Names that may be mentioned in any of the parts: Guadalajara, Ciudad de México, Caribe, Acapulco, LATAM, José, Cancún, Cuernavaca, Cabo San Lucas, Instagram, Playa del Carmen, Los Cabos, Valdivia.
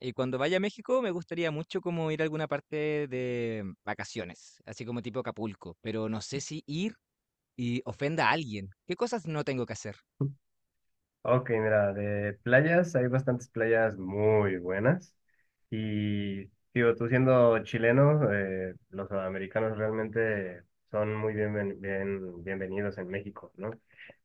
Y cuando vaya a México me gustaría mucho como ir a alguna parte de vacaciones, así como tipo Acapulco, pero no sé si ir y ofenda a alguien. ¿Qué cosas no tengo que hacer? Ok, mira, de playas, hay bastantes playas muy buenas. Y, digo, tú siendo chileno, los sudamericanos realmente son muy bienvenidos en México, ¿no?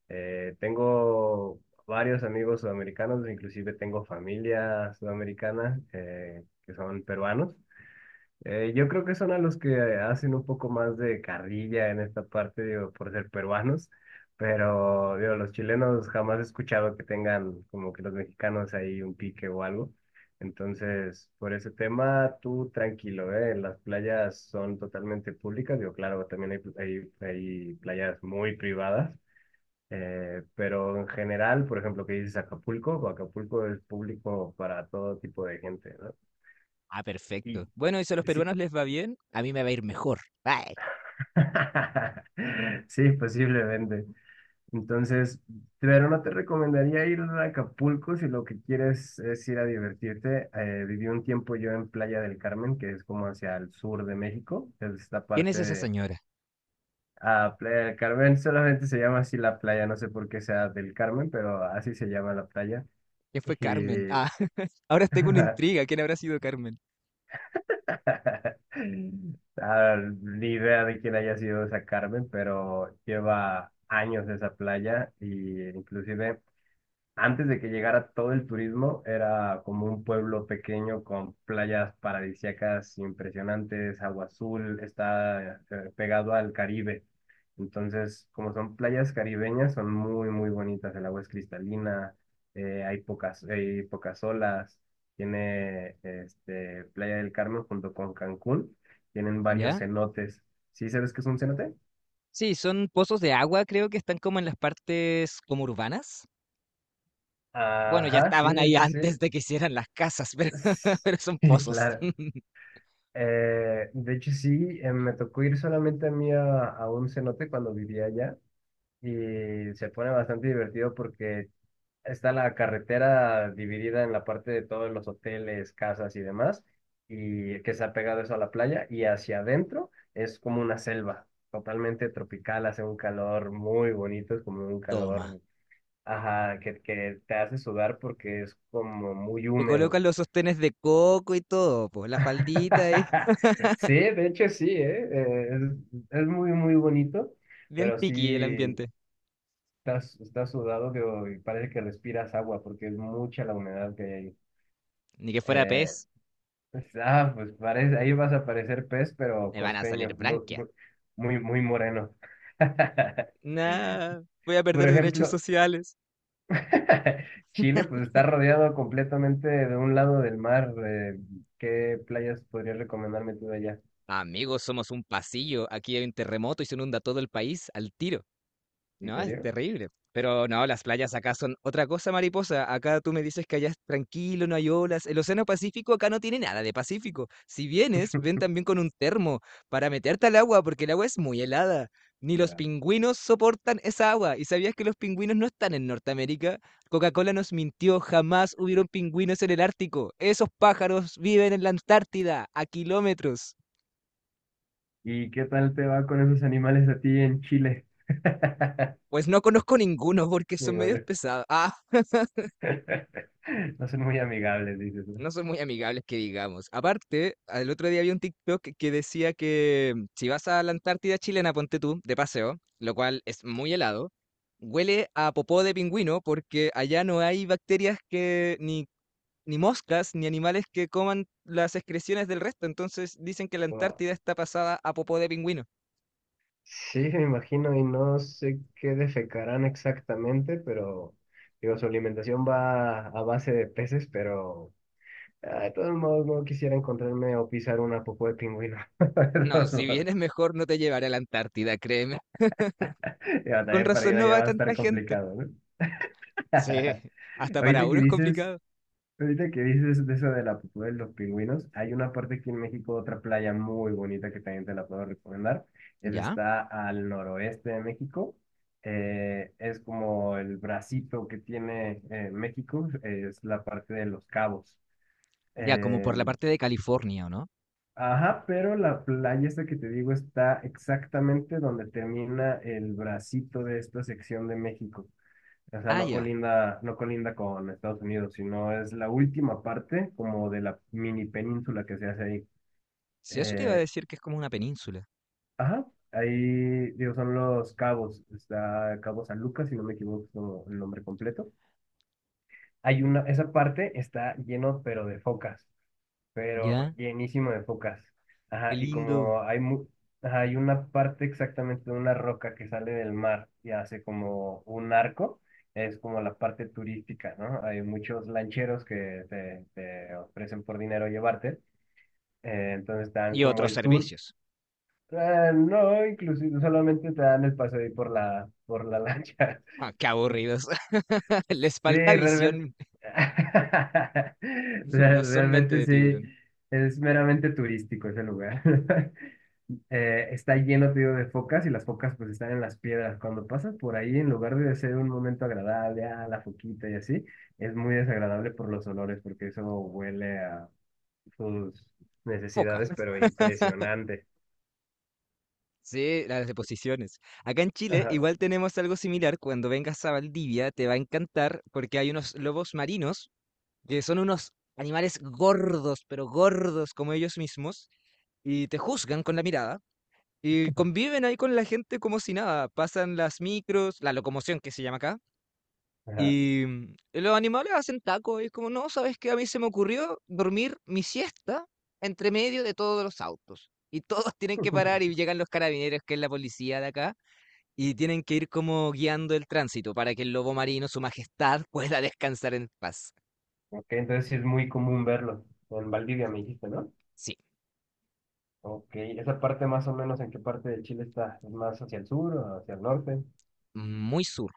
Tengo varios amigos sudamericanos, inclusive tengo familia sudamericana que son peruanos. Yo creo que son a los que hacen un poco más de carrilla en esta parte, digo, por ser peruanos, pero digo, los chilenos jamás he escuchado que tengan como que los mexicanos ahí un pique o algo. Entonces, por ese tema, tú tranquilo, ¿eh? Las playas son totalmente públicas, digo, claro, también hay, hay playas muy privadas, pero en general, por ejemplo, que dices Acapulco, Acapulco es público para todo tipo de gente, ¿no? Ah, perfecto. Y Bueno, y si a los sí. peruanos les va bien, a mí me va a ir mejor. Ay, Sí, posiblemente. Entonces, pero no te recomendaría ir a Acapulco si lo que quieres es ir a divertirte. Viví un tiempo yo en Playa del Carmen, que es como hacia el sur de México. Es esta ¿quién parte es esa de señora? ah, Playa del Carmen. Solamente se llama así la playa, no sé por qué sea del Carmen, pero así se llama la playa. ¿Quién fue Carmen? Y Ah, ahora tengo una intriga. ¿Quién habrá sido Carmen? ah, ni idea de quién haya sido esa Carmen, pero lleva años esa playa y inclusive antes de que llegara todo el turismo, era como un pueblo pequeño con playas paradisíacas impresionantes, agua azul, está pegado al Caribe. Entonces, como son playas caribeñas, son muy, muy bonitas. El agua es cristalina, hay pocas olas. Tiene este, Playa del Carmen junto con Cancún. Tienen varios ¿Ya? cenotes. ¿Sí sabes qué es un cenote? Sí, son pozos de agua, creo que están como en las partes como urbanas. Bueno, ya Ajá, sí, estaban de ahí hecho sí. antes de que hicieran las casas, pero, pero son Sí, pozos. claro. De hecho, sí, me tocó ir solamente a mí a un cenote cuando vivía allá y se pone bastante divertido porque está la carretera dividida en la parte de todos los hoteles, casas y demás, y que se ha pegado eso a la playa y hacia adentro es como una selva totalmente tropical, hace un calor muy bonito, es como un calor, Toma. ajá, que te hace sudar porque es como muy Le húmedo. colocan los sostenes de coco y todo, pues la faldita es Sí, de hecho sí, ¿eh? Es muy, muy bonito, bien pero piqui el sí ambiente. Estás sudado que y parece que respiras agua porque es mucha la humedad que hay ahí. Ni que fuera pez, Eh, pues, ah, pues parece, ahí vas a parecer pez, pero me van a salir costeño, muy, branquia. muy, muy, muy moreno. Nah, voy a Por perder derechos ejemplo, sociales. Chile pues está rodeado completamente de un lado del mar. ¿Qué playas podrías recomendarme tú de allá? Amigos, somos un pasillo. Aquí hay un terremoto y se inunda todo el país al tiro. ¿En No, es serio? terrible. Pero no, las playas acá son otra cosa, mariposa. Acá tú me dices que allá es tranquilo, no hay olas. El Océano Pacífico acá no tiene nada de Pacífico. Si vienes, ven también con un termo para meterte al agua, porque el agua es muy helada. Ni los pingüinos soportan esa agua. ¿Y sabías que los pingüinos no están en Norteamérica? Coca-Cola nos mintió, jamás hubieron pingüinos en el Ártico. Esos pájaros viven en la Antártida, a kilómetros. ¿Y qué tal te va con esos animales a ti en Chile? Pues no conozco ninguno porque son medios Ninguno. pesados. No son muy amigables, dices, ¿no? No son muy amigables que digamos. Aparte, el otro día había un TikTok que decía que si vas a la Antártida chilena, ponte tú, de paseo, lo cual es muy helado, huele a popó de pingüino porque allá no hay bacterias que, ni moscas, ni animales que coman las excreciones del resto. Entonces dicen que la Wow. Antártida está pasada a popó de pingüino. Sí, me imagino, y no sé qué defecarán exactamente, pero digo, su alimentación va a base de peces, pero ah, de todos modos no quisiera encontrarme o pisar una popó de pingüino. De No, todos si modos, vienes mejor no te llevaré a la Antártida, créeme. digo, Con también para ir razón no allá va va a estar tanta gente. complicado, ¿no? Sí, hasta para Ahorita que uno es dices complicado. Ahorita que dices de eso de la pupú de los pingüinos, hay una parte aquí en México, otra playa muy bonita que también te la puedo recomendar. ¿Ya? Está al noroeste de México. Es como el bracito que tiene México, es la parte de Los Cabos. Ya, como Eh, por la parte de California, ¿o no? ajá, pero la playa esta que te digo está exactamente donde termina el bracito de esta sección de México. O sea, Ah, no ya. colinda, no colinda con Estados Unidos, sino es la última parte como de la mini península que se hace ahí. Si eso te iba a Eh, decir que es como una península. ajá, ahí digo, son los Cabos. Está Cabo San Lucas, si no me equivoco es como el nombre completo. Esa parte está lleno, pero de focas, pero Ya, llenísimo de focas. qué Ajá, y lindo. como hay, mu- ajá, hay una parte exactamente de una roca que sale del mar y hace como un arco, es como la parte turística, ¿no? Hay muchos lancheros que te ofrecen por dinero llevarte, entonces te dan Y como otros el tour. servicios. No, inclusive solamente te dan el paseo ahí por la, lancha. Ah, qué aburridos. Les Sí, falta realmente. visión. No son mente Realmente de sí, tiburón. es meramente turístico ese lugar. Está lleno, te digo, de focas y las focas pues están en las piedras. Cuando pasas por ahí, en lugar de ser un momento agradable, ah, la foquita y así, es muy desagradable por los olores, porque eso huele a sus Foca. necesidades, pero impresionante. Sí, las deposiciones. Acá en Chile Ajá, igual tenemos algo similar. Cuando vengas a Valdivia te va a encantar porque hay unos lobos marinos que son unos animales gordos, pero gordos como ellos mismos, y te juzgan con la mirada. Y conviven ahí con la gente como si nada, pasan las micros, la locomoción que se llama acá, ajá. y los animales hacen tacos, y es como, no, ¿sabes qué? A mí se me ocurrió dormir mi siesta entre medio de todos los autos. Y todos tienen que parar y llegan los carabineros, que es la policía de acá, y tienen que ir como guiando el tránsito para que el lobo marino, su majestad, pueda descansar en paz. Ok, entonces sí es muy común verlo. En Valdivia me dijiste, ¿no? Sí. Ok, ¿esa parte más o menos en qué parte de Chile está? ¿Es más hacia el sur o hacia el norte? Muy sur,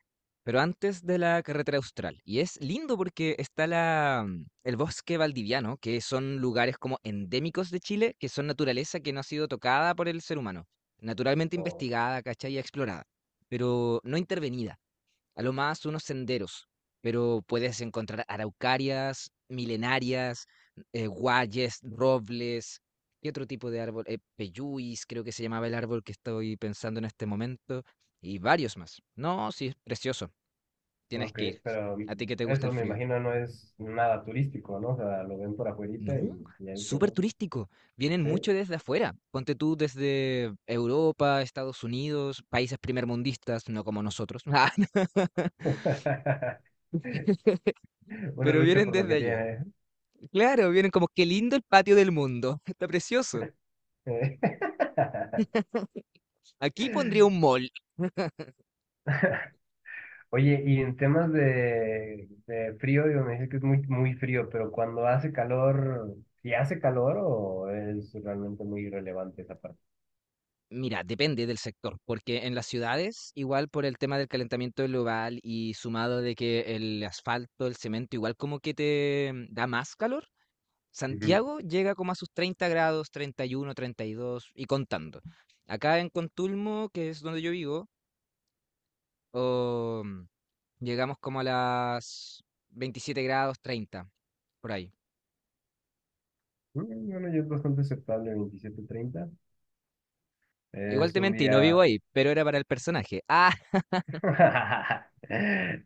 pero antes de la carretera austral. Y es lindo porque está el bosque valdiviano, que son lugares como endémicos de Chile, que son naturaleza que no ha sido tocada por el ser humano, naturalmente O, investigada, ¿cachai? Y explorada, pero no intervenida. A lo más unos senderos, pero puedes encontrar araucarias, milenarias, guayes, robles y otro tipo de árbol, peyuis, creo que se llamaba el árbol que estoy pensando en este momento, y varios más. No, sí, es precioso, tienes ok, que ir. pero A ti que te gusta el eso me frío. imagino no es nada turístico, ¿no? O sea, lo ven por afuerita No, y ahí súper quedó. turístico. Vienen ¿Sí? mucho desde afuera. Ponte tú desde Europa, Estados Unidos, países primermundistas, no como nosotros, Una pero lucha vienen por lo desde que allá. tiene. Claro, vieron como qué lindo el patio del mundo, está precioso. ¿Eh? Aquí pondría un mall. Oye, y en temas de frío, digo, me dice que es muy, muy frío, pero cuando hace calor, ¿si hace calor o es realmente muy irrelevante esa parte? Mira, depende del sector, porque en las ciudades, igual por el tema del calentamiento global y sumado de que el asfalto, el cemento, igual como que te da más calor, Santiago llega como a sus 30 grados, 31, 32 y contando. Acá en Contulmo, que es donde yo vivo, o, mm, llegamos como a las 27 grados, 30 por ahí. Mm, bueno, ya es bastante aceptable 27 30. Igual Es te un mentí, no vivo día... ahí, pero era para el personaje. Ah,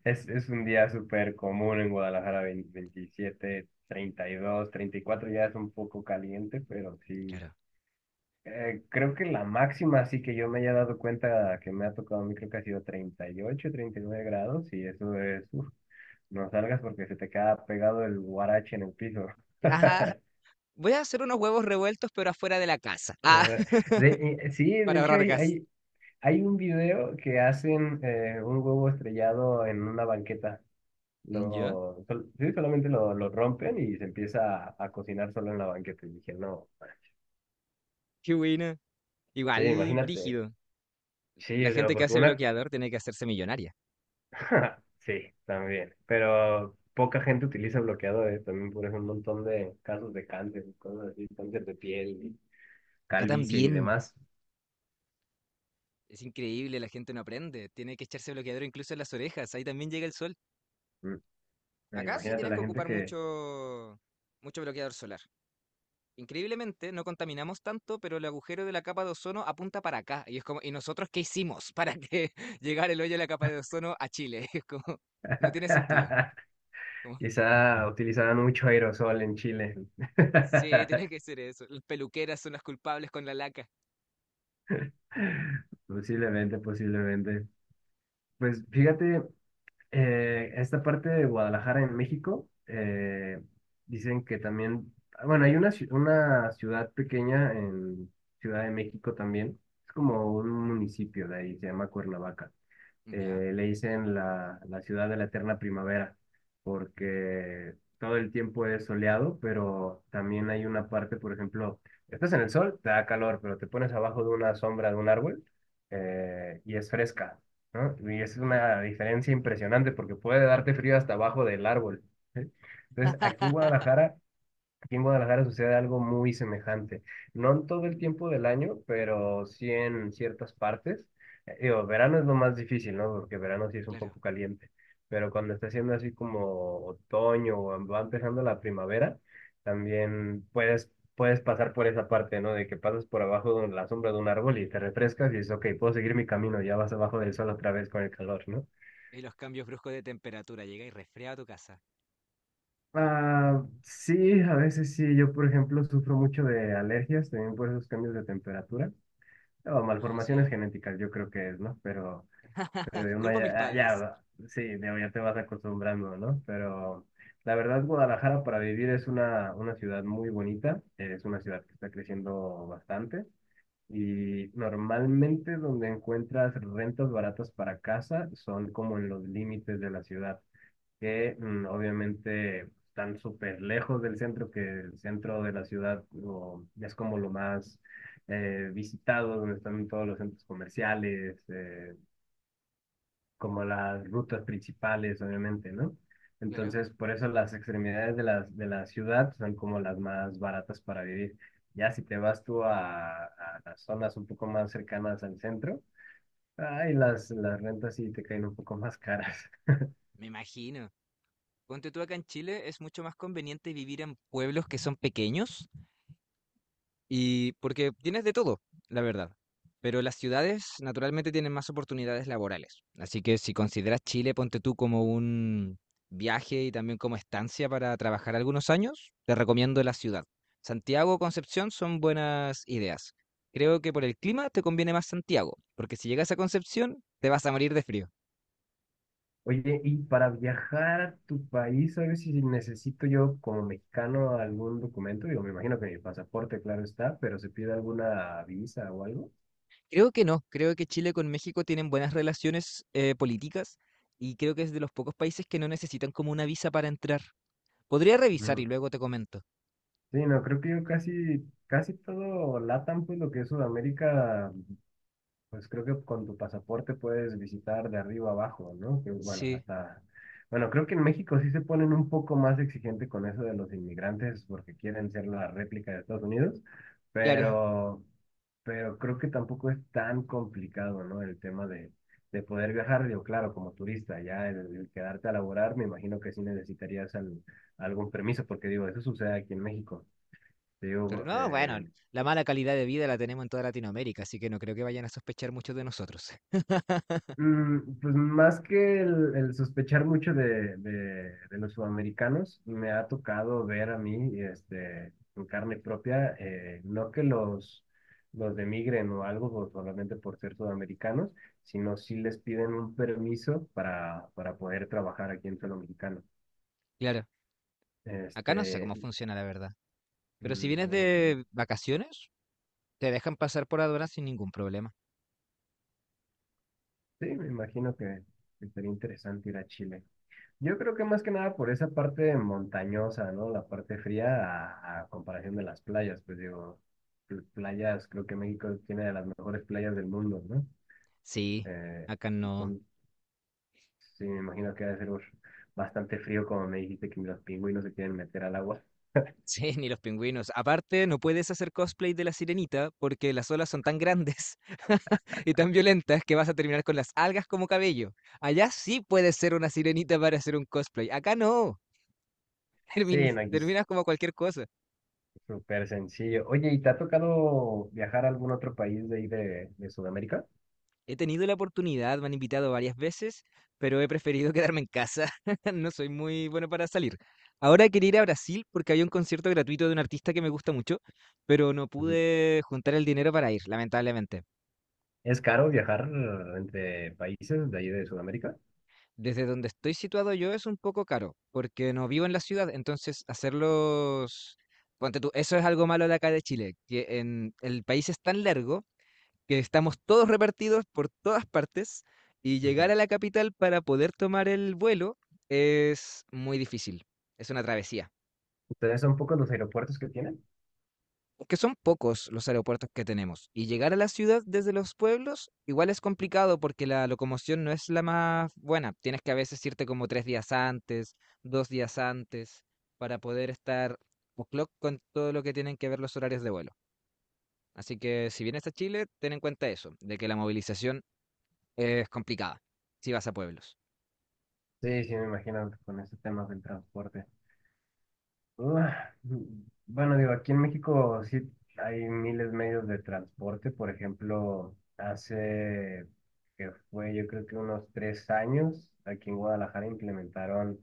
Es un día súper común en Guadalajara, 20 27 32 34 ya es un poco caliente, pero sí. claro. Creo que la máxima, así que yo me haya dado cuenta que me ha tocado a mí, creo que ha sido 30 38 39 grados y eso es... uf, no salgas porque se te queda pegado el guarache en el piso. Ah, voy a hacer unos huevos revueltos, pero afuera de la casa. Ah, Eh, sí, de para hecho ahorrar gas. Hay un video que hacen un huevo estrellado en una banqueta. ¿Ya? Sí, solamente lo rompen y se empieza a cocinar solo en la banqueta. Y dije, no, Qué buena. sí, Igual, imagínate. brígido. Sí, La o sea, gente que porque hace una... bloqueador tiene que hacerse millonaria. Sí, también. Pero poca gente utiliza bloqueadores. También por eso un montón de casos de cáncer, y cosas así, cáncer de piel, y Acá calvicie y también. demás. Es increíble, la gente no aprende. Tiene que echarse bloqueador incluso en las orejas. Ahí también llega el sol. Mm. Acá sí Imagínate tienes la que gente ocupar que mucho bloqueador solar. Increíblemente, no contaminamos tanto, pero el agujero de la capa de ozono apunta para acá. Y es como, ¿y nosotros qué hicimos para que llegara el hoyo de la capa de ozono a Chile? Es como, no tiene sentido. Como, quizá utilizaban mucho aerosol en Chile. sí, tiene que ser eso. Las peluqueras son las culpables con la laca. Posiblemente, posiblemente. Pues fíjate, esta parte de Guadalajara en México, dicen que también, bueno, hay una ciudad pequeña en Ciudad de México también, es como un municipio de ahí, se llama Cuernavaca. ¿Ya? Le dicen la ciudad de la eterna primavera, porque todo el tiempo es soleado, pero también hay una parte, por ejemplo, estás en el sol, te da calor, pero te pones abajo de una sombra de un árbol y es fresca, ¿no? Y es Ah, una diferencia impresionante porque puede darte frío hasta abajo del árbol. ¿Sí? Entonces, aquí en Guadalajara sucede algo muy semejante. No en todo el tiempo del año, pero sí en ciertas partes. Digo, verano es lo más difícil, ¿no? Porque verano sí es un claro. poco caliente. Pero cuando está haciendo así como otoño o va empezando la primavera, también puedes pasar por esa parte, ¿no? De que pasas por abajo de la sombra de un árbol y te refrescas y dices, ok, puedo seguir mi camino, ya vas abajo del sol otra vez con el calor, ¿no? Y los cambios bruscos de temperatura. Llega y resfría a tu casa. Ah, sí, a veces sí. Yo, por ejemplo, sufro mucho de alergias, también por esos cambios de temperatura. O Ah, sí. malformaciones genéticas, yo creo que es, ¿no? Pero uno Culpa a mis ya, ah, padres. ya, sí, digo, ya te vas acostumbrando, ¿no? Pero la verdad, Guadalajara para vivir es una ciudad muy bonita. Es una ciudad que está creciendo bastante. Y normalmente donde encuentras rentas baratas para casa son como en los límites de la ciudad que obviamente están súper lejos del centro, que el centro de la ciudad es como lo más visitado, donde están todos los centros comerciales, como las rutas principales, obviamente, ¿no? Claro. Entonces, por eso las extremidades de la ciudad son como las más baratas para vivir. Ya si te vas tú a las zonas un poco más cercanas al centro, ay, las rentas sí te caen un poco más caras. Me imagino. Ponte tú acá en Chile, es mucho más conveniente vivir en pueblos que son pequeños, y porque tienes de todo, la verdad. Pero las ciudades naturalmente tienen más oportunidades laborales. Así que si consideras Chile, ponte tú como un viaje y también como estancia para trabajar algunos años, te recomiendo la ciudad. Santiago o Concepción son buenas ideas. Creo que por el clima te conviene más Santiago, porque si llegas a Concepción te vas a morir de frío. Oye, y para viajar a tu país, ¿sabes si necesito yo como mexicano algún documento? Digo, me imagino que mi pasaporte, claro está, pero se pide alguna visa o algo. Creo que no, creo que Chile con México tienen buenas relaciones políticas, y creo que es de los pocos países que no necesitan como una visa para entrar. Podría revisar Ujú. y luego te comento. Sí, no, creo que yo casi, casi todo LATAM, pues lo que es Sudamérica. Pues creo que con tu pasaporte puedes visitar de arriba abajo, ¿no? Que bueno, Sí, hasta... Bueno, creo que en México sí se ponen un poco más exigente con eso de los inmigrantes porque quieren ser la réplica de Estados Unidos, claro. pero, pero creo que tampoco es tan complicado, ¿no? El tema de poder viajar, digo, claro, como turista, ya el quedarte a laborar, me imagino que sí necesitarías algún permiso, porque digo, eso sucede aquí en México. Te Claro. digo. No, bueno, la mala calidad de vida la tenemos en toda Latinoamérica, así que no creo que vayan a sospechar mucho de nosotros. Mm, pues más que el sospechar mucho de los sudamericanos, me ha tocado ver a mí, este, en carne propia, no que los demigren o algo solamente por ser sudamericanos, sino sí les piden un permiso para poder trabajar aquí en suelo mexicano. Claro. Acá no sé Este, cómo funciona, la verdad. Pero si vienes no, de vacaciones, te dejan pasar por aduana sin ningún problema. sí, me imagino que sería interesante ir a Chile. Yo creo que más que nada por esa parte montañosa, ¿no? La parte fría a comparación de las playas, pues digo, playas, creo que México tiene de las mejores playas del mundo, ¿no? Sí, Eh, acá no. entonces, sí, me imagino que debe ser uf, bastante frío, como me dijiste que ni los pingüinos se quieren meter al agua. Sí, ni los pingüinos. Aparte, no puedes hacer cosplay de la sirenita porque las olas son tan grandes y tan violentas que vas a terminar con las algas como cabello. Allá sí puedes ser una sirenita para hacer un cosplay. Acá no. Termin- Sí, no, aquí es terminas como cualquier cosa. súper sencillo. Oye, ¿y te ha tocado viajar a algún otro país de ahí de Sudamérica? He tenido la oportunidad, me han invitado varias veces, pero he preferido quedarme en casa. No soy muy bueno para salir. Ahora quería ir a Brasil porque había un concierto gratuito de un artista que me gusta mucho, pero no Ujú. pude juntar el dinero para ir, lamentablemente. ¿Es caro viajar entre países de ahí de Sudamérica? Desde donde estoy situado yo es un poco caro, porque no vivo en la ciudad, entonces hacerlos... Ponte tú, eso es algo malo de acá de Chile, que en el país es tan largo que estamos todos repartidos por todas partes y llegar Ujú. a la capital para poder tomar el vuelo es muy difícil. Es una travesía. ¿Ustedes son pocos los aeropuertos que tienen? Que son pocos los aeropuertos que tenemos. Y llegar a la ciudad desde los pueblos igual es complicado porque la locomoción no es la más buena. Tienes que a veces irte como tres días antes, dos días antes, para poder estar o'clock con todo lo que tienen que ver los horarios de vuelo. Así que si vienes a Chile, ten en cuenta eso, de que la movilización es complicada, si vas a pueblos. Sí, sí, me imagino con ese tema del transporte. Ah, bueno, digo, aquí en México sí hay miles de medios de transporte. Por ejemplo, hace que fue yo creo que unos 3 años, aquí en Guadalajara implementaron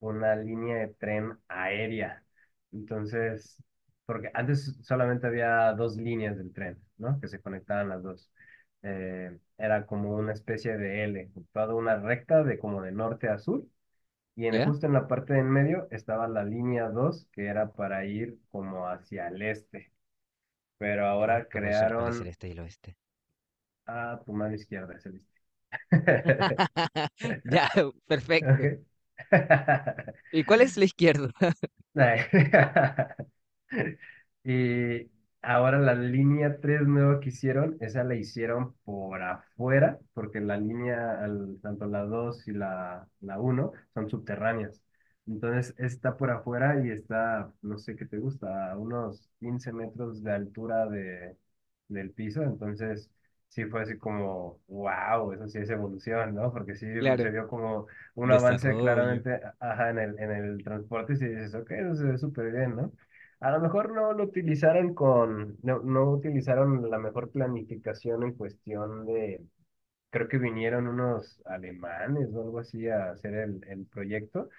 una línea de tren aérea. Entonces, porque antes solamente había dos líneas del tren, ¿no? Que se conectaban las dos. Era como una especie de L, toda una recta de como de norte a sur y ¿Ya? justo en la parte de en medio estaba la línea 2 que era para ir como hacia el este. Pero Yo ahora nunca puedo saber cuál es el crearon este y el oeste. a tu mano izquierda, es el este. Ya, perfecto. Ok. ¿Y cuál es la izquierda? Y ahora la línea 3 nueva que hicieron, esa la hicieron por afuera, porque tanto la 2 y la uno son subterráneas. Entonces está por afuera y está, no sé qué te gusta, a unos 15 metros de altura del piso. Entonces sí fue así como, wow, eso sí es evolución, ¿no? Porque sí se Claro, vio como un avance desarrollo. claramente, ajá, en el transporte, si dices, ok, eso se ve súper bien, ¿no? A lo mejor no lo utilizaron con, no, no utilizaron la mejor planificación en cuestión de, creo que vinieron unos alemanes o algo así a hacer el proyecto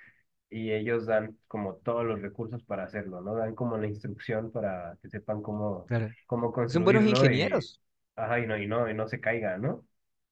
y ellos dan como todos los recursos para hacerlo, ¿no? Dan como la instrucción para que sepan cómo, Claro. Son buenos construirlo y, ingenieros. ajá, y no, y no, y no se caiga, ¿no?